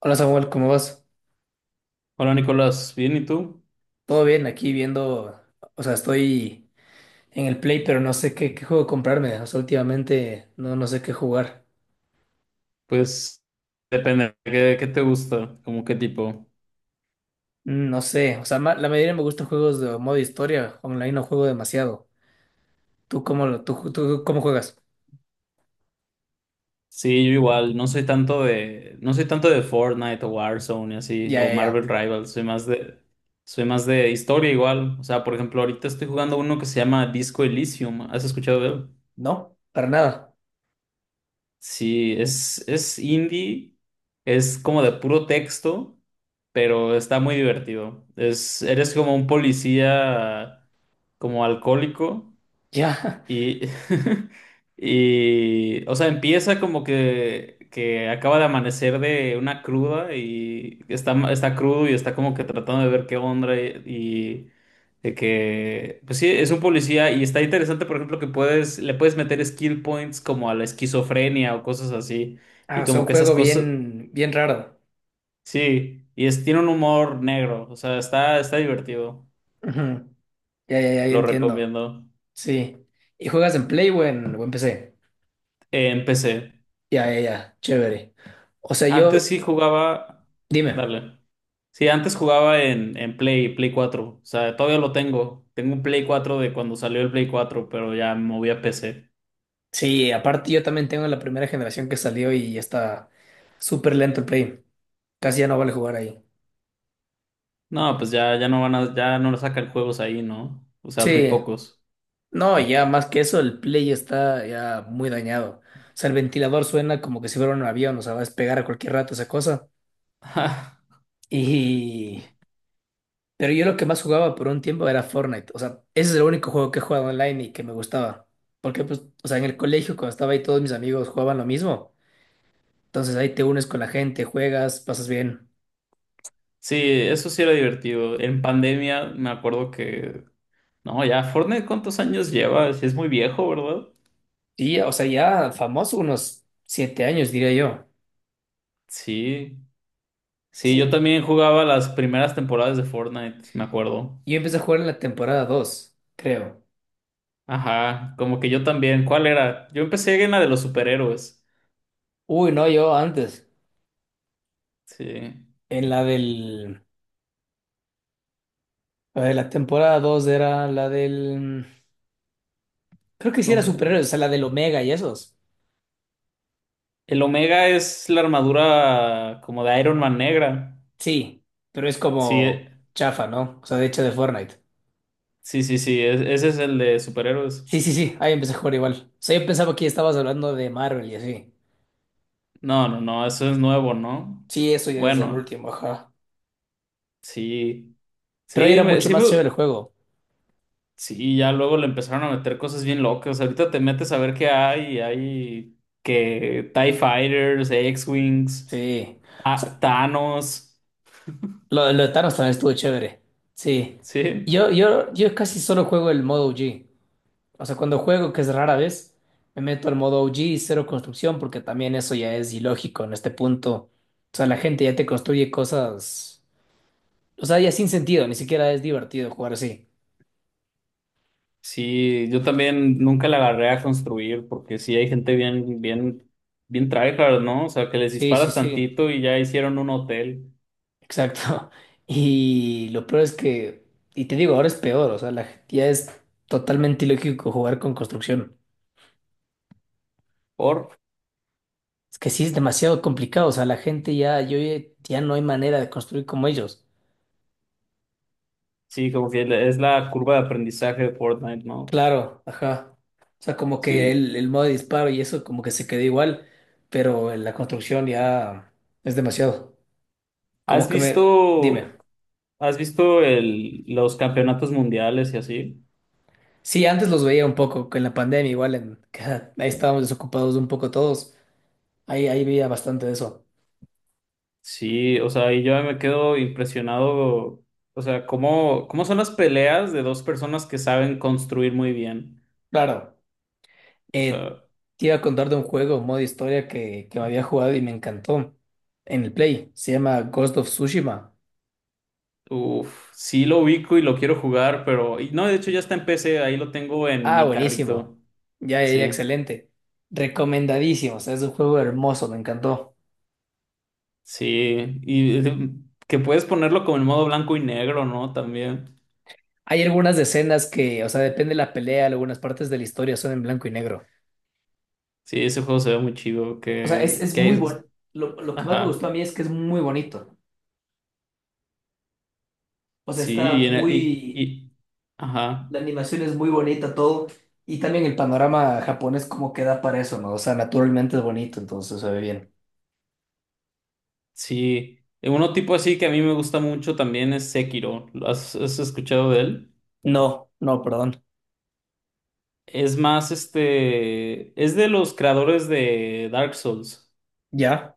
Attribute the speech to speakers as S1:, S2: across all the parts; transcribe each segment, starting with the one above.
S1: Hola Samuel, ¿cómo vas?
S2: Hola Nicolás, bien, ¿y tú?
S1: Todo bien, aquí viendo, o sea, estoy en el Play, pero no sé qué, qué juego comprarme. O sea, últimamente no sé qué jugar.
S2: Pues depende, ¿qué te gusta? ¿Cómo qué tipo?
S1: No sé, o sea, la mayoría me gustan juegos de modo historia, online no juego demasiado. ¿Tú cómo, tú cómo juegas?
S2: Sí, yo igual, no soy tanto de Fortnite o Warzone y así,
S1: Ya,
S2: o
S1: ya,
S2: Marvel
S1: ya.
S2: Rivals, soy más de historia igual. O sea, por ejemplo, ahorita estoy jugando uno que se llama Disco Elysium, ¿has escuchado de él?
S1: ¿No? Para nada.
S2: Sí, es indie, es como de puro texto, pero está muy divertido. Eres como un policía como alcohólico.
S1: Ya.
S2: Y, y, o sea, empieza que acaba de amanecer de una cruda y está crudo y está como que tratando de ver qué onda, y de que, pues sí, es un policía y está interesante, por ejemplo, que le puedes meter skill points como a la esquizofrenia o cosas así
S1: Ah,
S2: y
S1: o sea,
S2: como
S1: un
S2: que esas
S1: juego
S2: cosas.
S1: bien, bien raro.
S2: Sí, y tiene un humor negro, o sea, está divertido,
S1: Ujú. Ya, ya, ya, ya
S2: lo
S1: entiendo.
S2: recomiendo.
S1: Sí. ¿Y juegas en Play o en PC?
S2: En PC.
S1: Ya, ya, ya. Chévere. O sea,
S2: Antes
S1: yo,
S2: sí jugaba.
S1: dime.
S2: Dale. Sí, antes jugaba en Play cuatro, O sea, todavía lo tengo. Tengo un Play 4 de cuando salió el Play 4, pero ya me moví a PC.
S1: Sí, aparte yo también tengo la primera generación que salió y ya está súper lento el Play. Casi ya no vale jugar ahí.
S2: No, pues ya, ya no sacan juegos ahí, ¿no? O sea, muy
S1: Sí,
S2: pocos.
S1: no, ya más que eso, el Play está ya muy dañado. O sea, el ventilador suena como que si fuera un avión, o sea, va a despegar a cualquier rato esa cosa. Y... Pero yo lo que más jugaba por un tiempo era Fortnite. O sea, ese es el único juego que he jugado online y que me gustaba. Porque, pues, o sea, en el colegio cuando estaba ahí todos mis amigos jugaban lo mismo. Entonces ahí te unes con la gente, juegas, pasas bien.
S2: Sí, eso sí era divertido. En pandemia me acuerdo que. No, ya, Fortnite, ¿cuántos años lleva? Sí, es muy viejo, ¿verdad?
S1: Y, o sea, ya famoso unos 7 años, diría yo.
S2: Sí. Sí, yo
S1: Sí.
S2: también jugaba las primeras temporadas de Fortnite, me acuerdo.
S1: Yo empecé a jugar en la temporada 2, creo.
S2: Ajá, como que yo también. ¿Cuál era? Yo empecé en la de los superhéroes.
S1: Uy, no, yo antes.
S2: Sí,
S1: En la del... La de la temporada 2 era la del... Creo que sí
S2: no
S1: era
S2: sé.
S1: superhéroes, o sea, la del Omega y esos.
S2: El Omega es la armadura como de Iron Man negra.
S1: Sí, pero es
S2: Sí,
S1: como chafa, ¿no? O sea, de hecho de Fortnite.
S2: sí, sí, sí, ese es el de superhéroes.
S1: Sí, sí, sí, ahí empecé a jugar igual. O sea, yo pensaba que estabas hablando de Marvel y así.
S2: No, no, no, eso es nuevo, ¿no?
S1: Sí, eso ya es el
S2: Bueno,
S1: último, ajá.
S2: sí,
S1: Pero ahí
S2: sí,
S1: era mucho
S2: sí,
S1: más chévere el juego.
S2: sí, ya luego le empezaron a meter cosas bien locas. Ahorita te metes a ver qué hay, y hay que TIE Fighters, X-Wings,
S1: Sí.
S2: Ta-
S1: O
S2: Thanos,
S1: lo de Thanos también estuvo chévere. Sí.
S2: sí.
S1: Yo casi solo juego el modo O g. O sea, cuando juego, que es rara vez, me meto al modo O g y cero construcción, porque también eso ya es ilógico en este punto. O sea, la gente ya te construye cosas. O sea, ya sin sentido, ni siquiera es divertido jugar así.
S2: Sí, yo también nunca la agarré a construir porque sí hay gente bien, bien, bien tryhard, ¿no? O sea, que les
S1: Sí, sí,
S2: disparas
S1: sí.
S2: tantito y ya hicieron un hotel.
S1: Exacto. Y lo peor es que. Y te digo, ahora es peor. O sea, ya es totalmente ilógico jugar con construcción.
S2: Por,
S1: Es que sí es demasiado complicado, o sea, la gente ya, yo ya ya no hay manera de construir como ellos.
S2: sí, como que es la curva de aprendizaje de Fortnite, ¿no?
S1: Claro, ajá. O sea, como que
S2: Sí.
S1: el modo de disparo y eso como que se quedó igual, pero en la construcción ya es demasiado. Como
S2: ¿Has
S1: que me, dime.
S2: visto, has visto los campeonatos mundiales y así?
S1: Sí, antes los veía un poco, que en la pandemia igual, en, que ahí estábamos desocupados un poco todos, ahí, ahí veía bastante de eso.
S2: Sí, o sea, y yo me quedo impresionado, o sea, cómo son las peleas de dos personas que saben construir muy bien.
S1: Claro,
S2: O
S1: eh,
S2: sea.
S1: te iba a contar de un juego, modo historia que me había jugado y me encantó en el Play, se llama Ghost of Tsushima.
S2: Uf, sí lo ubico y lo quiero jugar, pero y no, de hecho ya está en PC, ahí lo tengo en
S1: Ah,
S2: mi
S1: buenísimo.
S2: carrito.
S1: Ya, ya, ya,
S2: Sí,
S1: excelente. Recomendadísimo. O sea, es un juego hermoso, me encantó.
S2: sí, y que puedes ponerlo como en modo blanco y negro, ¿no? También.
S1: Hay algunas escenas que, o sea, depende de la pelea, algunas partes de la historia son en blanco y negro.
S2: Sí, ese juego se ve muy chido,
S1: O sea, es muy bueno. Lo que más me gustó a
S2: ajá,
S1: mí es que es muy bonito. O sea,
S2: sí,
S1: está
S2: y, en el-
S1: muy...
S2: y- ajá,
S1: La animación es muy bonita, todo. Y también el panorama japonés como queda para eso, ¿no? O sea, naturalmente es bonito, entonces se ve bien.
S2: sí. Uno tipo así que a mí me gusta mucho también es Sekiro. ¿Has escuchado de él?
S1: No, no, perdón.
S2: Es más, este, es de los creadores de Dark Souls.
S1: ¿Ya?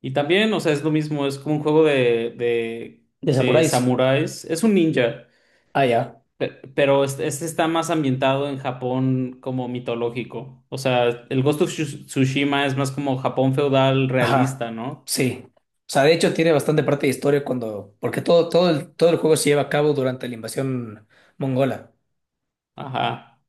S2: Y también, o sea, es lo mismo, es como un juego de, de,
S1: ¿De
S2: de
S1: samuráis?
S2: samuráis. Es un ninja,
S1: Ah, ya.
S2: pero este está más ambientado en Japón como mitológico. O sea, el Ghost of Tsushima es más como Japón feudal realista,
S1: Ajá,
S2: ¿no?
S1: sí. O sea, de hecho tiene bastante parte de historia cuando, porque todo, todo el juego se lleva a cabo durante la invasión mongola.
S2: Ajá.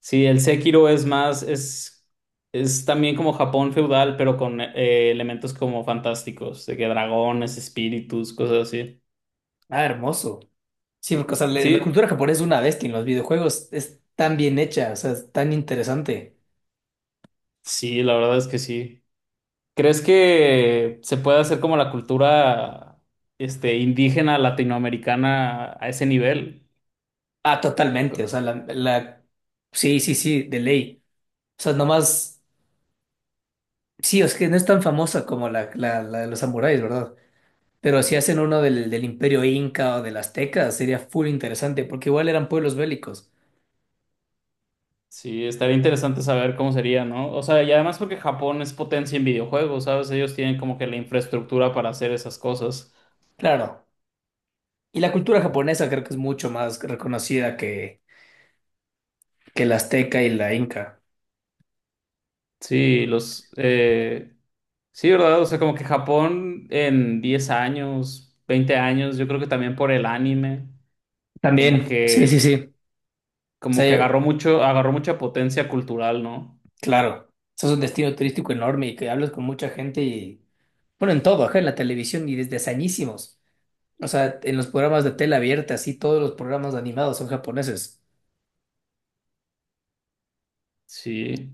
S2: Sí, el Sekiro es también como Japón feudal, pero con elementos como fantásticos, de que dragones, espíritus, cosas así.
S1: Ah, hermoso. Sí, porque o sea, la
S2: Sí,
S1: cultura japonesa es una bestia en los videojuegos, es tan bien hecha, o sea, es tan interesante.
S2: sí, la verdad es que sí. ¿Crees que se puede hacer como la cultura indígena latinoamericana a ese nivel?
S1: Ah, totalmente, o sea, la sí, sí, sí, de ley. O sea, nomás, sí, es que no es tan famosa como la de los samuráis, ¿verdad? Pero si hacen uno del Imperio Inca o del Azteca, sería full interesante, porque igual eran pueblos bélicos.
S2: Sí, estaría interesante saber cómo sería, ¿no? O sea, y además porque Japón es potencia en videojuegos, ¿sabes? Ellos tienen como que la infraestructura para hacer esas cosas.
S1: Claro. Y la cultura japonesa creo que es mucho más reconocida que la azteca y la inca.
S2: Sí, sí, ¿verdad? O sea, como que Japón en 10 años, 20 años, yo creo que también por el anime, como
S1: También, sí, sí,
S2: que,
S1: sí. O
S2: como
S1: sea,
S2: que
S1: yo-
S2: agarró mucha potencia cultural, ¿no?
S1: claro, eso es un destino turístico enorme y que hablas con mucha gente y, bueno, en todo, ajá, en la televisión y desde hazañísimos. O sea, en los programas de tela abierta, así, todos los programas animados son japoneses.
S2: Sí.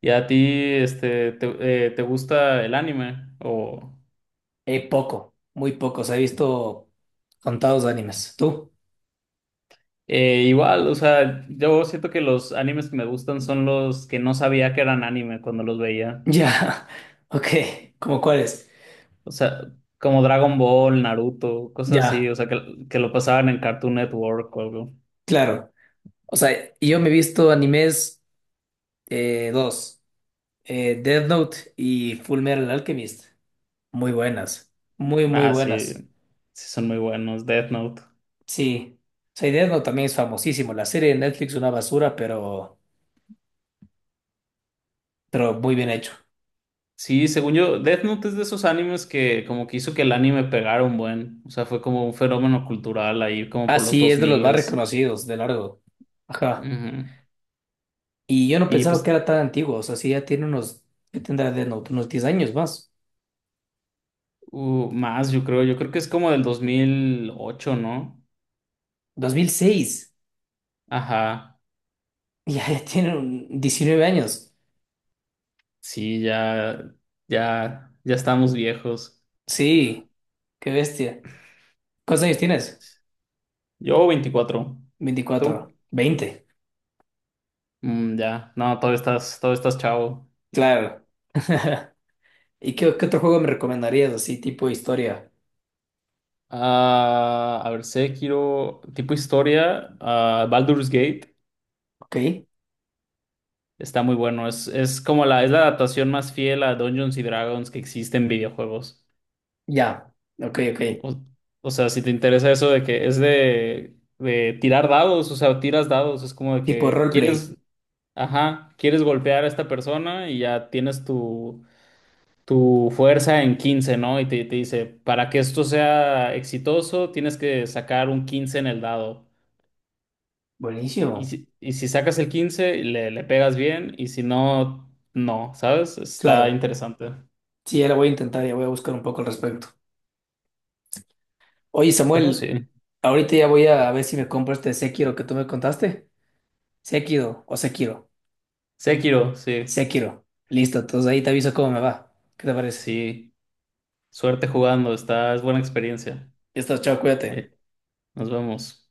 S2: ¿Y a ti, te gusta el anime? O
S1: Poco, muy poco. Se ha visto contados animes. ¿Tú?
S2: igual, o sea, yo siento que los animes que me gustan son los que no sabía que eran anime cuando los veía.
S1: Ya, ok, ¿cómo cuáles?
S2: O sea, como Dragon Ball, Naruto, cosas así,
S1: Ya,
S2: o sea, que lo pasaban en Cartoon Network o algo.
S1: claro. O sea, y yo me he visto animes. Dos, Death Note y Full Metal Alchemist. Muy buenas, muy, muy
S2: Ah, sí,
S1: buenas.
S2: sí son muy buenos. Death Note.
S1: Sí, o sea, y Death Note también es famosísimo. La serie de Netflix es una basura, pero muy bien hecho.
S2: Sí, según yo, Death Note es de esos animes que como que hizo que el anime pegara un buen. O sea, fue como un fenómeno cultural ahí, como
S1: Ah,
S2: por los
S1: sí,
S2: dos
S1: es de los más
S2: s.
S1: reconocidos, de largo. Ajá.
S2: Ujú.
S1: Y yo no
S2: Y
S1: pensaba que
S2: pues
S1: era tan antiguo. O sea, sí, ya tiene unos, ¿qué tendrá Death Note? Unos 10 años más.
S2: Más, yo creo que es como del 2008, ¿no?
S1: 2006.
S2: Ajá,
S1: Ya, ya tiene un 19 años.
S2: sí, ya, ya, ya estamos viejos.
S1: Sí, qué bestia. ¿Cuántos años tienes?
S2: Yo 24, ¿tú?
S1: 24 20.
S2: Mm, ya, no, todavía estás chavo.
S1: Claro. ¿Y qué, qué otro juego me recomendarías así, tipo historia?
S2: Ah, a ver, Sekiro, tipo historia, Baldur's Gate,
S1: Ok,
S2: está muy bueno, es la adaptación más fiel a Dungeons y Dragons que existe en videojuegos.
S1: ya, ok, ok.
S2: O, o sea, si te interesa eso de que es de tirar dados, o sea, tiras dados, es como de
S1: Tipo
S2: que
S1: roleplay.
S2: quieres, ajá, quieres golpear a esta persona y ya tienes tu fuerza en 15, ¿no? Y te dice, para que esto sea exitoso, tienes que sacar un 15 en el dado. Y
S1: Buenísimo.
S2: si sacas el 15, le pegas bien, y si no, no, ¿sabes? Está
S1: Claro.
S2: interesante.
S1: Sí, ya lo voy a intentar, ya voy a buscar un poco al respecto. Oye,
S2: Pero
S1: Samuel,
S2: sí.
S1: ahorita ya voy a ver si me compro este Sekiro que tú me contaste. Sekiro o Sekiro.
S2: Sekiro, sí,
S1: Sekiro. Listo, entonces ahí te aviso cómo me va. ¿Qué te parece?
S2: sí. Suerte jugando, es buena experiencia.
S1: Ya está, chao, cuídate.
S2: Eh, Nos vemos.